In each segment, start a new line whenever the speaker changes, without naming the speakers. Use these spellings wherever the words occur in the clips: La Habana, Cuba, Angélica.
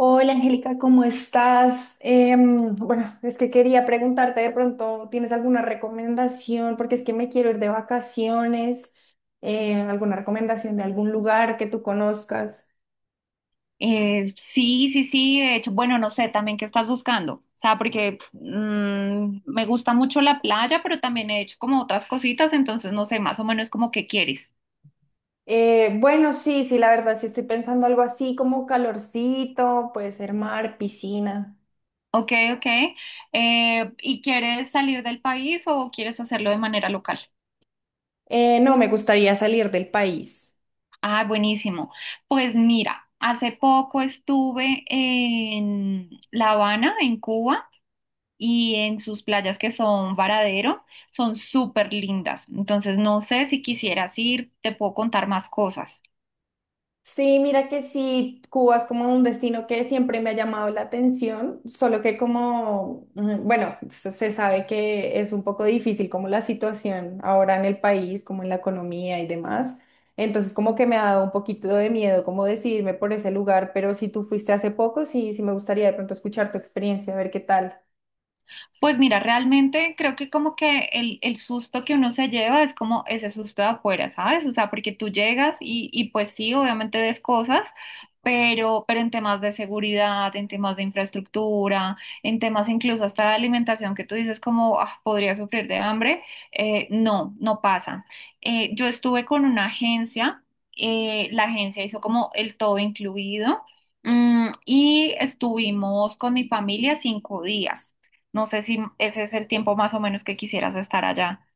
Hola Angélica, ¿cómo estás? Bueno, es que quería preguntarte de pronto, ¿tienes alguna recomendación? Porque es que me quiero ir de vacaciones, alguna recomendación de algún lugar que tú conozcas.
Sí, sí, sí, de hecho, bueno, no sé también qué estás buscando, o sea, porque me gusta mucho la playa, pero también he hecho como otras cositas, entonces no sé, más o menos como qué quieres.
Bueno, sí, sí, la verdad, sí estoy pensando algo así como calorcito, puede ser mar, piscina.
Ok, ok. ¿Y quieres salir del país o quieres hacerlo de manera local?
No, me gustaría salir del país.
Ah, buenísimo. Pues mira, hace poco estuve en La Habana, en Cuba. Y en sus playas, que son Varadero, son súper lindas. Entonces, no sé si quisieras ir, te puedo contar más cosas.
Sí, mira que sí, Cuba es como un destino que siempre me ha llamado la atención, solo que como, bueno, se sabe que es un poco difícil como la situación ahora en el país, como en la economía y demás. Entonces como que me ha dado un poquito de miedo como decidirme por ese lugar, pero si tú fuiste hace poco, sí, sí me gustaría de pronto escuchar tu experiencia, a ver qué tal.
Pues mira, realmente creo que como que el susto que uno se lleva es como ese susto de afuera, ¿sabes? O sea, porque tú llegas y pues sí, obviamente ves cosas, pero en temas de seguridad, en temas de infraestructura, en temas incluso hasta de alimentación, que tú dices como "Ah, podría sufrir de hambre", no, no pasa. Yo estuve con una agencia, la agencia hizo como el todo incluido, y estuvimos con mi familia 5 días. No sé si ese es el tiempo más o menos que quisieras estar allá.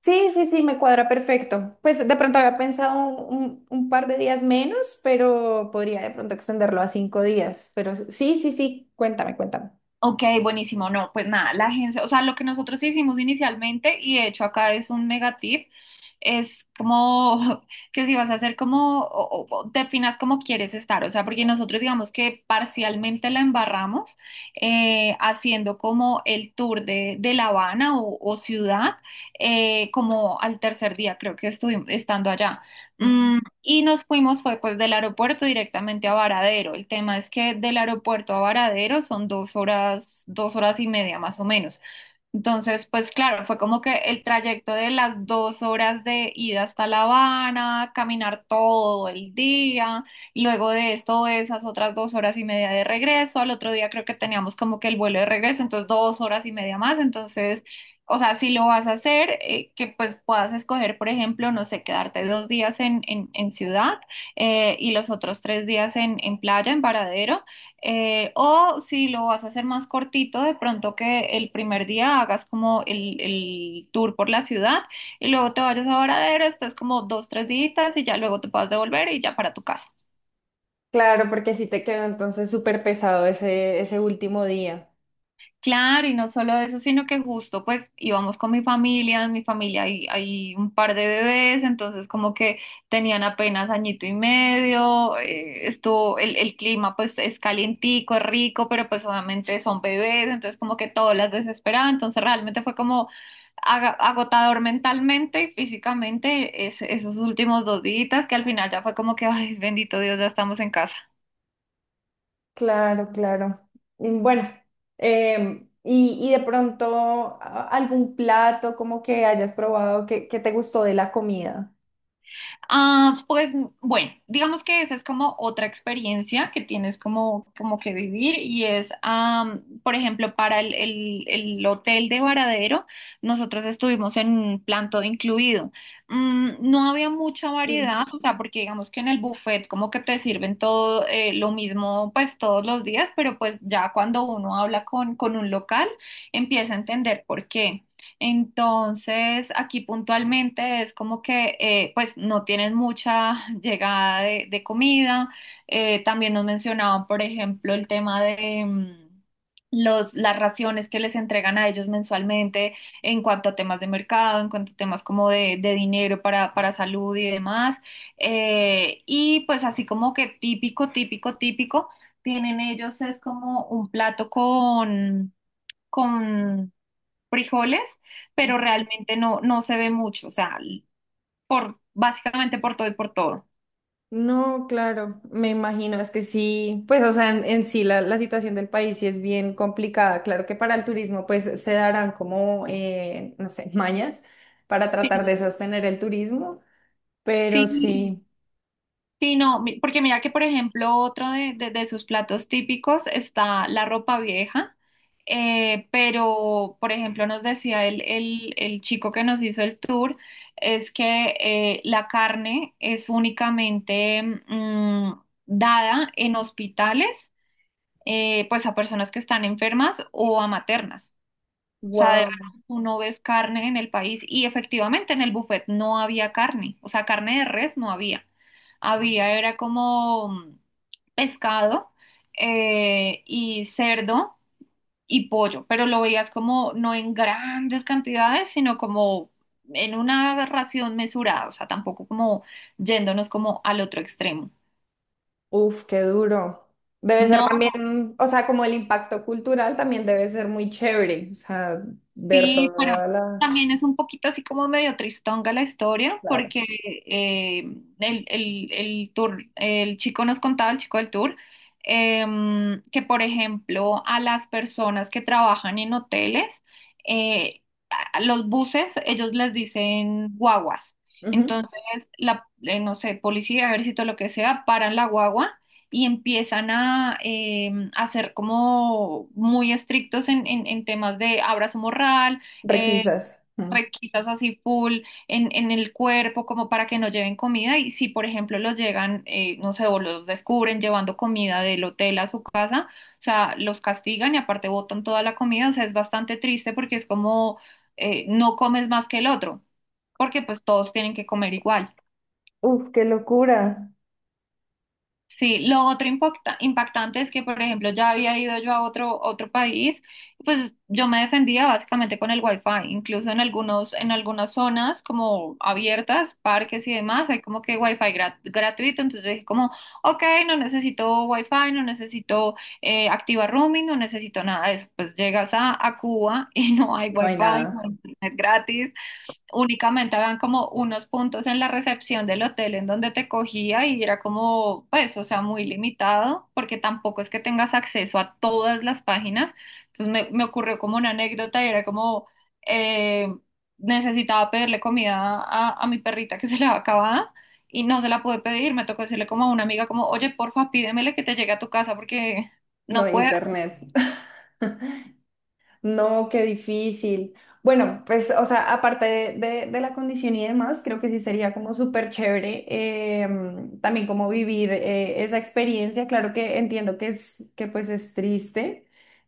Sí, sí, sí, me cuadra perfecto. Pues de pronto había pensado un par de días menos, pero podría de pronto extenderlo a 5 días. Pero sí, sí, sí, cuéntame, cuéntame.
Ok, buenísimo. No, pues nada, la agencia, o sea, lo que nosotros hicimos inicialmente, y de hecho acá es un mega tip, es como que si vas a hacer como, o definas cómo quieres estar, o sea, porque nosotros digamos que parcialmente la embarramos haciendo como el tour de La Habana o ciudad, como al tercer día, creo que estuvimos estando allá.
Ujú.
Y nos fuimos, fue pues del aeropuerto directamente a Varadero. El tema es que del aeropuerto a Varadero son 2 horas, 2 horas y media más o menos. Entonces, pues claro, fue como que el trayecto de las 2 horas de ida hasta La Habana, caminar todo el día, y luego de esto esas otras 2 horas y media de regreso. Al otro día creo que teníamos como que el vuelo de regreso, entonces 2 horas y media más. Entonces, o sea, si lo vas a hacer, que pues puedas escoger, por ejemplo, no sé, quedarte 2 días en ciudad, y los otros 3 días en playa, en Varadero. O si lo vas a hacer más cortito, de pronto que el primer día hagas como el tour por la ciudad, y luego te vayas a Varadero, estás como 2, 3 días y ya luego te puedas devolver y ya para tu casa.
Claro, porque sí te quedó entonces súper pesado ese, ese último día.
Claro, y no solo eso, sino que justo pues íbamos con mi familia, en mi familia hay un par de bebés, entonces como que tenían apenas añito y medio, estuvo, el clima pues es calientico, es rico, pero pues obviamente son bebés, entonces como que todo las desesperaba, entonces realmente fue como agotador mentalmente y físicamente esos últimos 2 días, que al final ya fue como que, ay, bendito Dios, ya estamos en casa.
Claro, claro. Y bueno, y de pronto algún plato como que hayas probado que te gustó de la comida.
Ah, pues bueno, digamos que esa es como otra experiencia que tienes como que vivir y es, por ejemplo, para el hotel de Varadero, nosotros estuvimos en un plan todo incluido. No había mucha variedad, o sea, porque digamos que en el buffet como que te sirven todo, lo mismo pues todos los días, pero pues ya cuando uno habla con un local empieza a entender por qué. Entonces, aquí puntualmente es como que, pues no tienen mucha llegada de comida. También nos mencionaban, por ejemplo, el tema de los, las raciones que les entregan a ellos mensualmente en cuanto a temas de mercado, en cuanto a temas como de dinero para salud y demás. Y pues así como que típico, típico, típico, tienen ellos es como un plato con frijoles, pero realmente no, no se ve mucho, o sea, básicamente por todo y por todo.
No, claro, me imagino, es que sí, pues o sea, en sí la situación del país sí es bien complicada. Claro que para el turismo pues se darán como, no sé, mañas para
Sí,
tratar de sostener el turismo, pero
sí,
sí,
sí, no, porque mira que, por ejemplo, otro de sus platos típicos está la ropa vieja, pero, por ejemplo, nos decía el chico que nos hizo el tour, es que la carne es únicamente mm, dada en hospitales, pues a personas que están enfermas o a maternas. O sea, de
wow,
verdad, tú no ves carne en el país, y efectivamente en el buffet no había carne, o sea, carne de res no había. Había, era como pescado, y cerdo y pollo, pero lo veías como no en grandes cantidades, sino como en una ración mesurada, o sea, tampoco como yéndonos como al otro extremo.
uf, qué duro. Debe ser
No,
también, o sea, como el impacto cultural también debe ser muy chévere, o sea, ver
sí, pero
toda la,
también es un poquito así como medio tristonga la historia,
claro,
porque eh, el tour, el chico nos contaba, el chico del tour, que por ejemplo a las personas que trabajan en hoteles, eh, a los buses, ellos les dicen guaguas.
ujú,
Entonces, no sé, policía, ejército, lo que sea, paran la guagua y empiezan a ser como muy estrictos en temas de abrazo moral, eh,
requisas. Ujú.
requisas así full en el cuerpo como para que no lleven comida, y si por ejemplo los llegan, no sé, o los descubren llevando comida del hotel a su casa, o sea, los castigan y aparte botan toda la comida, o sea, es bastante triste porque es como, no comes más que el otro, porque pues todos tienen que comer igual.
Uf, qué locura.
Sí, lo otro impactante es que, por ejemplo, ya había ido yo a otro país, pues yo me defendía básicamente con el Wi-Fi. Incluso en algunos, en algunas zonas como abiertas, parques y demás, hay como que wifi gratuito, entonces yo dije como, ok, no necesito Wi-Fi, no necesito, activa roaming, no necesito nada de eso, pues llegas a Cuba y no hay
No hay
Wi-Fi, no hay
nada,
internet gratis, únicamente habían como unos puntos en la recepción del hotel en donde te cogía y era como, pues, o sea, muy limitado, porque tampoco es que tengas acceso a todas las páginas. Entonces me ocurrió como una anécdota, y era como, eh, necesitaba pedirle comida a mi perrita, que se le había acabado, y no se la pude pedir, me tocó decirle como a una amiga como, oye, porfa, pídemele que te llegue a tu casa porque...
no
No
hay
puedo.
internet. No, qué difícil. Bueno, pues, o sea, aparte de, de la condición y demás, creo que sí sería como súper chévere, también como vivir esa experiencia. Claro que entiendo que es, que pues es triste,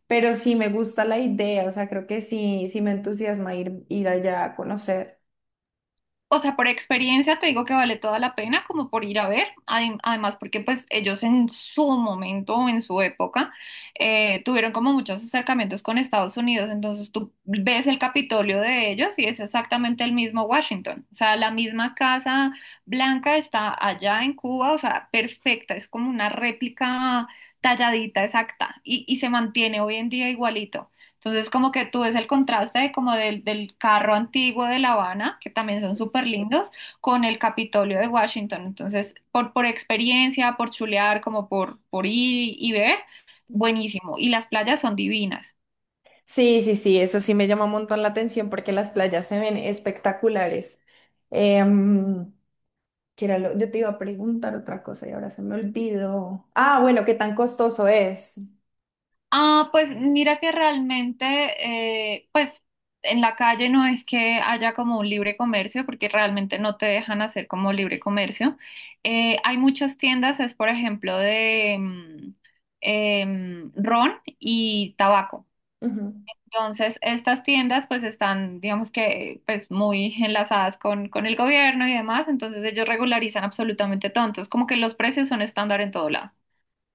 pero sí me gusta la idea, o sea, creo que sí, sí me entusiasma ir, ir allá a conocer.
O sea, por experiencia te digo que vale toda la pena como por ir a ver. Además porque pues ellos en su momento, en su época, tuvieron como muchos acercamientos con Estados Unidos, entonces tú ves el Capitolio de ellos y es exactamente el mismo Washington, o sea, la misma Casa Blanca está allá en Cuba, o sea, perfecta, es como una réplica talladita exacta, y se mantiene hoy en día igualito. Entonces, como que tú ves el contraste de como del carro antiguo de La Habana, que también son súper lindos, con el Capitolio de Washington. Entonces, por experiencia, por chulear, como por ir y ver, buenísimo. Y las playas son divinas.
Sí, sí, sí, eso sí me llama un montón la atención porque las playas se ven espectaculares. Em, que era yo te iba a preguntar otra cosa y ahora se me olvidó. Ah, bueno, ¿qué tan costoso es?
Ah, pues mira que realmente, pues en la calle no es que haya como un libre comercio, porque realmente no te dejan hacer como libre comercio. Hay muchas tiendas, es por ejemplo de ron y tabaco.
Ujú.
Entonces, estas tiendas pues están, digamos que, pues muy enlazadas con el gobierno y demás, entonces ellos regularizan absolutamente todo. Entonces, como que los precios son estándar en todo lado.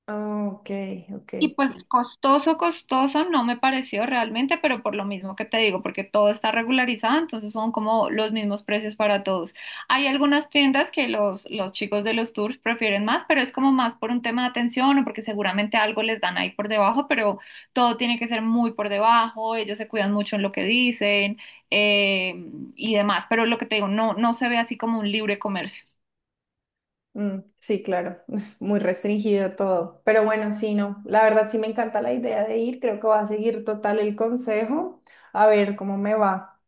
Ah, ok, ok.
Y pues costoso, costoso no me pareció realmente, pero por lo mismo que te digo, porque todo está regularizado, entonces son como los mismos precios para todos. Hay algunas tiendas que los chicos de los tours prefieren más, pero es como más por un tema de atención, o porque seguramente algo les dan ahí por debajo, pero todo tiene que ser muy por debajo, ellos se cuidan mucho en lo que dicen, eh, y demás, pero lo que te digo, no, no se ve así como un libre comercio.
Mm, sí, claro, muy restringido todo. Pero bueno, sí, no. La verdad sí me encanta la idea de ir. Creo que voy a seguir total el consejo. A ver cómo me va.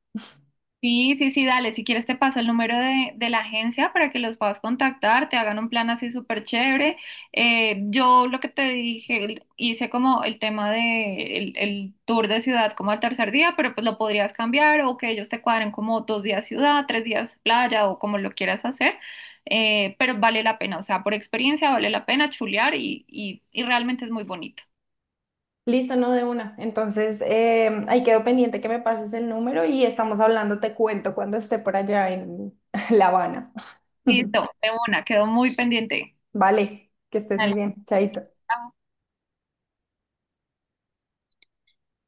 Sí, sí, sí, dale. Si quieres te paso el número de la agencia para que los puedas contactar, te hagan un plan así súper chévere. Yo lo que te dije, hice como el tema de el tour de ciudad como al tercer día, pero pues lo podrías cambiar o que ellos te cuadren como 2 días ciudad, 3 días playa o como lo quieras hacer. Pero vale la pena, o sea, por experiencia vale la pena chulear, y realmente es muy bonito.
Listo, no, de una. Entonces, ahí quedo pendiente que me pases el número y estamos hablando. Te cuento cuando esté por allá en La Habana.
Listo, de una, quedó muy pendiente.
Vale, que estés muy
Dale,
bien. Chaito.